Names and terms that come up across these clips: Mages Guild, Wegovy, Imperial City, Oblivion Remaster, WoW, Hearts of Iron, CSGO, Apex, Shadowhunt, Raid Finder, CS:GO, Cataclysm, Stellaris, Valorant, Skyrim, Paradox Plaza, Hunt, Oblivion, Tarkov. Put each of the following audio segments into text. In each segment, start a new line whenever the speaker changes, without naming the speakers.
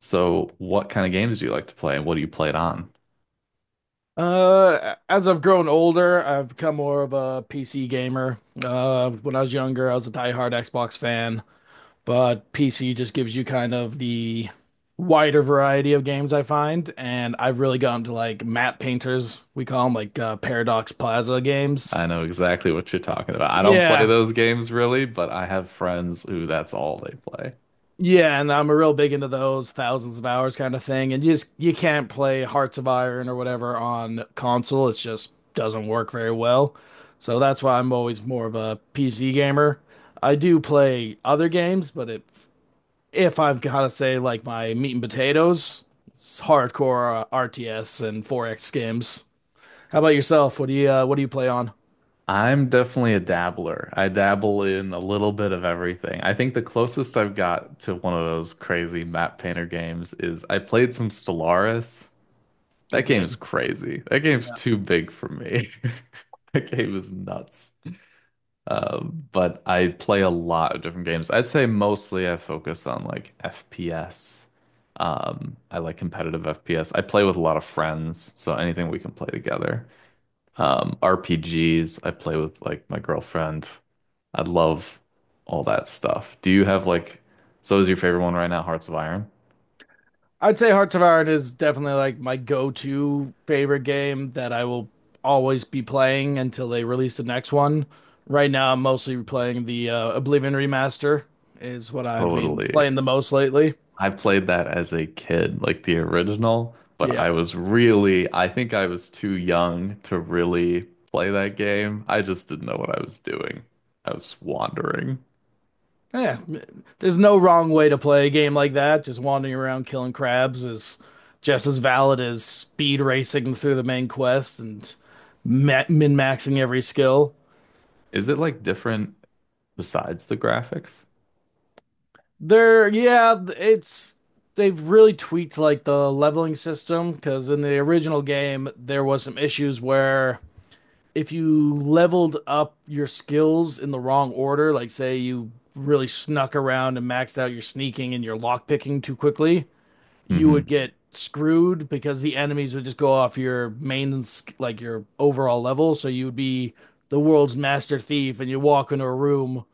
So, what kind of games do you like to play and what do you play it on?
As I've grown older, I've become more of a PC gamer. When I was younger, I was a diehard Xbox fan, but PC just gives you kind of the wider variety of games I find, and I've really gotten to like map painters, we call them Paradox Plaza games.
I know exactly what you're talking about. I don't play
Yeah,
those games really, but I have friends who that's all they play.
Yeah, and I'm real big into those thousands of hours kind of thing. And you just you can't play Hearts of Iron or whatever on console. It just doesn't work very well. So that's why I'm always more of a PC gamer. I do play other games, but if I've got to say like my meat and potatoes, it's hardcore RTS and 4X games. How about yourself? What do you play on?
I'm definitely a dabbler. I dabble in a little bit of everything. I think the closest I've got to one of those crazy map painter games is I played some Stellaris.
Good
That game is
game.
crazy. That game's too big for me. That game is nuts. But I play a lot of different games. I'd say mostly I focus on like FPS. I like competitive FPS. I play with a lot of friends, so anything we can play together. RPGs, I play with like my girlfriend. I love all that stuff. Do you have like, so is your favorite one right now, Hearts of Iron?
I'd say Hearts of Iron is definitely like my go-to favorite game that I will always be playing until they release the next one. Right now, I'm mostly playing the Oblivion Remaster is what I've been
Totally.
playing the most lately.
I played that as a kid, like the original, but
Yeah.
I was really, I think I was too young to really play that game. I just didn't know what I was doing. I was wandering.
Yeah, there's no wrong way to play a game like that. Just wandering around killing crabs is just as valid as speed racing through the main quest and min-maxing every skill.
Is it like different besides the graphics?
They're yeah, it's they've really tweaked like the leveling system because in the original game there was some issues where if you leveled up your skills in the wrong order, like say you really snuck around and maxed out your sneaking and your lockpicking too quickly, you
Hmm.
would get screwed because the enemies would just go off your like your overall level, so you would be the world's master thief and you walk into a room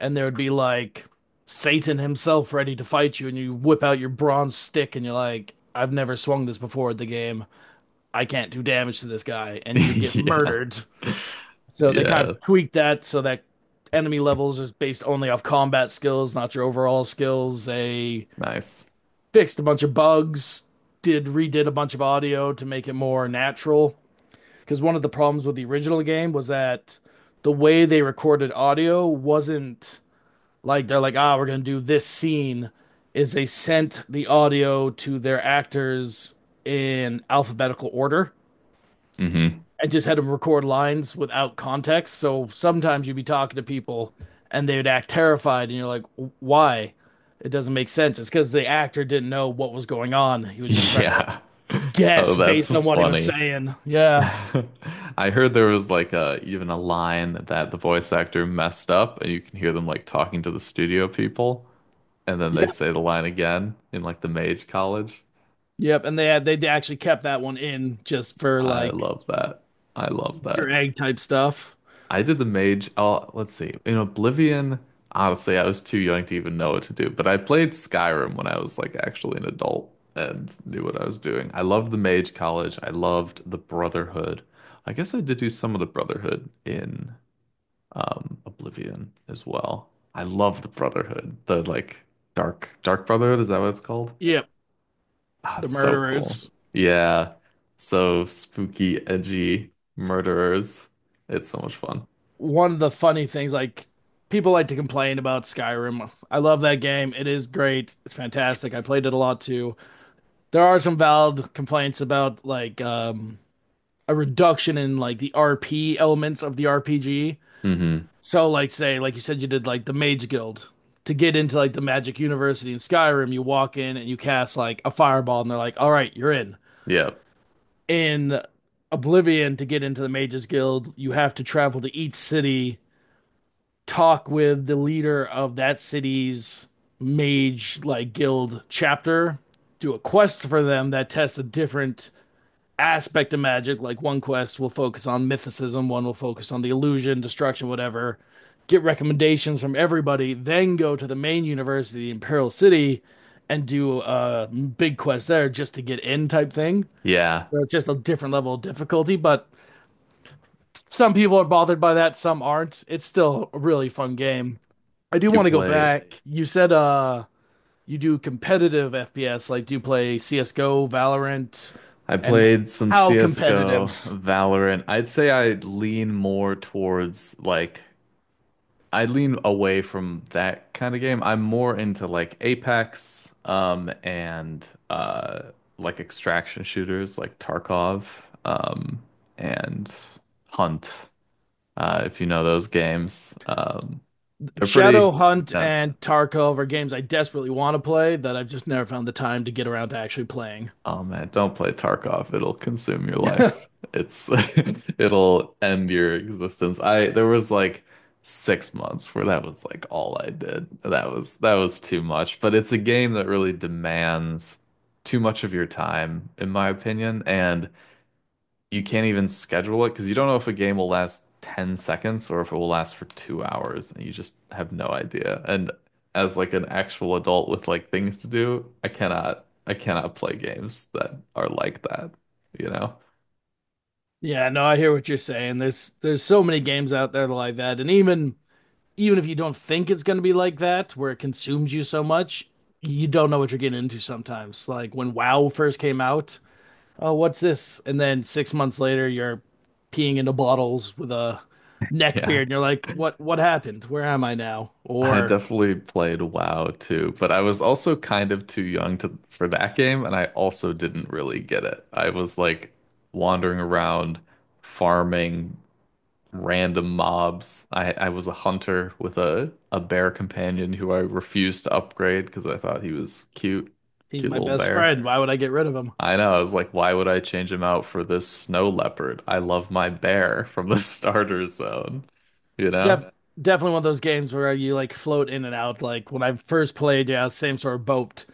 and there would be like Satan himself ready to fight you, and you whip out your bronze stick, and you're like, I've never swung this before at the game. I can't do damage to this guy, and you'd get
Yeah.
murdered. So they kind
Yeah.
of tweaked that so that enemy levels is based only off combat skills, not your overall skills. They
Nice.
fixed a bunch of bugs, did redid a bunch of audio to make it more natural. Because one of the problems with the original game was that the way they recorded audio wasn't like they're like, we're gonna do this scene. Is they sent the audio to their actors in alphabetical order
Hmm.
and just had them record lines without context. So sometimes you'd be talking to people and they would act terrified, and you're like, why? It doesn't make sense. It's because the actor didn't know what was going on. He was just trying to
Yeah. Oh,
guess
that's
based on what he was
funny.
saying. Yeah.
I heard there was like a even a line that the voice actor messed up, and you can hear them like talking to the studio people, and then
Yep.
they say the line again in like the mage college.
Yep. And they actually kept that one in just for
I
like
love that. I love
Easter
that.
egg type stuff.
I did the mage. Oh, let's see. In Oblivion, honestly, I was too young to even know what to do, but I played Skyrim when I was like actually an adult and knew what I was doing. I loved the mage college. I loved the Brotherhood. I guess I did do some of the Brotherhood in Oblivion as well. I love the Brotherhood. The like dark dark Brotherhood, is that what it's called?
Yep.
Ah,
The
it's so cool.
murderers.
Yeah. So spooky, edgy murderers. It's so much fun.
One of the funny things, like people like to complain about Skyrim. I love that game. It is great. It's fantastic. I played it a lot too. There are some valid complaints about a reduction in like the RP elements of the RPG.
Mm-hmm.
So like say like you said you did like the Mage Guild. To get into like the Magic University in Skyrim, you walk in and you cast like a fireball and they're like, "All right, you're in."
Yeah.
In Oblivion to get into the Mages Guild, you have to travel to each city talk with the leader of that city's mage like guild chapter, do a quest for them that tests a different aspect of magic. Like one quest will focus on mythicism, one will focus on the illusion, destruction, whatever. Get recommendations from everybody, then go to the main university, Imperial City, and do a big quest there just to get in type thing.
Yeah.
So it's just a different level of difficulty, but some people are bothered by that, some aren't. It's still a really fun game. I do
You
want to go
play.
back. You said you do competitive FPS, like do you play CS:GO, Valorant,
I
and
played some
how
CSGO,
competitive?
Valorant. I'd say I lean more towards like I lean away from that kind of game. I'm more into like Apex, and like extraction shooters like Tarkov, um, and Hunt. If you know those games. They're pretty
Shadowhunt
intense.
and Tarkov are games I desperately want to play that I've just never found the time to get around to actually playing.
Oh man, don't play Tarkov. It'll consume your life. It's it'll end your existence. I there was like 6 months where that was like all I did. That was too much. But it's a game that really demands too much of your time, in my opinion, and you can't even schedule it because you don't know if a game will last 10 seconds or if it will last for 2 hours and you just have no idea. And as like an actual adult with like things to do, I cannot play games that are like that, you know?
Yeah, no, I hear what you're saying. There's so many games out there like that, and even if you don't think it's going to be like that, where it consumes you so much, you don't know what you're getting into sometimes. Like when WoW first came out, oh, what's this? And then 6 months later, you're peeing into bottles with a neck
Yeah.
beard, and you're like, what happened? Where am I now?
I
Or
definitely played WoW too, but I was also kind of too young to for that game and I also didn't really get it. I was like wandering around farming random mobs. I was a hunter with a bear companion who I refused to upgrade because I thought he was cute,
he's
cute
my
little
best
bear.
friend. Why would I get rid of him?
I know. I was like, why would I change him out for this snow leopard? I love my bear from the starter zone, you
It's
know?
def Definitely one of those games where you like float in and out. Like when I first played, yeah, same sort of boat.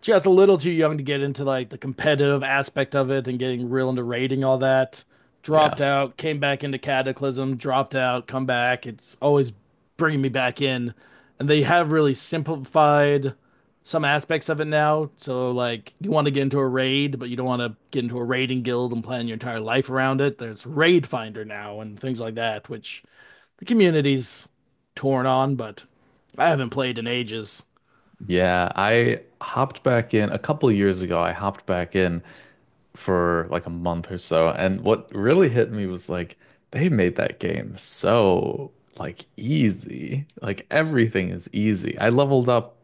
Just a little too young to get into like the competitive aspect of it and getting real into raiding all that. Dropped
Yeah.
out, came back into Cataclysm, dropped out, come back. It's always bringing me back in. And they have really simplified some aspects of it now. So like you want to get into a raid, but you don't want to get into a raiding guild and plan your entire life around it. There's Raid Finder now and things like that, which the community's torn on, but I haven't played in ages.
Yeah, I hopped back in a couple years ago. I hopped back in for like a month or so. And what really hit me was like they made that game so like easy. Like everything is easy. I leveled up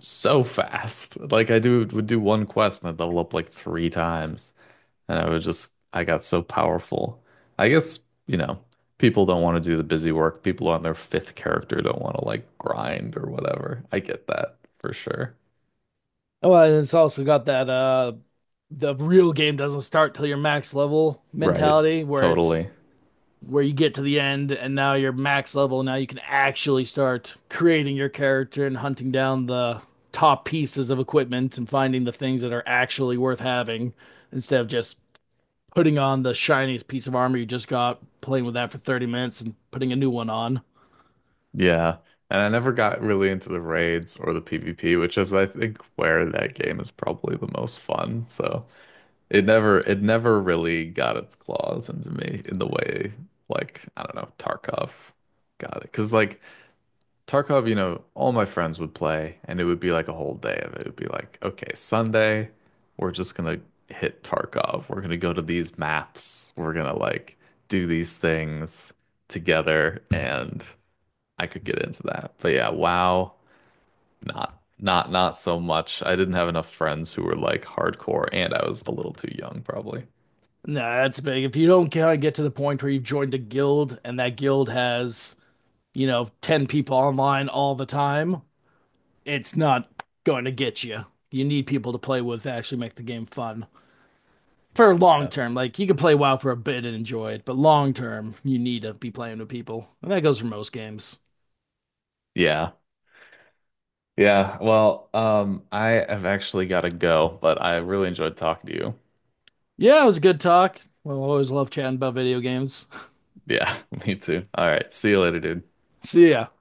so fast. Like I do would do one quest and I'd level up like three times. And I was just I got so powerful. I guess, you know, people don't want to do the busy work. People on their fifth character don't want to like grind or whatever. I get that for sure.
Oh, and it's also got that the real game doesn't start till your max level
Right.
mentality where it's
Totally.
where you get to the end and now you're max level now you can actually start creating your character and hunting down the top pieces of equipment and finding the things that are actually worth having instead of just putting on the shiniest piece of armor you just got playing with that for 30 minutes and putting a new one on.
Yeah. And I never got really into the raids or the PvP, which is I think where that game is probably the most fun. So it never really got its claws into me in the way like, I don't know, Tarkov got it. 'Cause like Tarkov, you know, all my friends would play and it would be like a whole day of it. It would be like, okay, Sunday, we're just gonna hit Tarkov. We're gonna go to these maps. We're gonna like do these things together and I could get into that. But yeah, WoW, not so much. I didn't have enough friends who were like hardcore, and I was a little too young, probably.
No, that's big. If you don't get to the point where you've joined a guild and that guild has, you know, 10 people online all the time, it's not going to get you. You need people to play with to actually make the game fun. For long
Yeah.
term, like you can play WoW for a bit and enjoy it, but long term, you need to be playing with people. And that goes for most games.
Yeah. Yeah. Well, I have actually got to go, but I really enjoyed talking to you.
Yeah, it was a good talk. Well, I always love chatting about video games.
Yeah, me too. All right. See you later, dude.
See ya.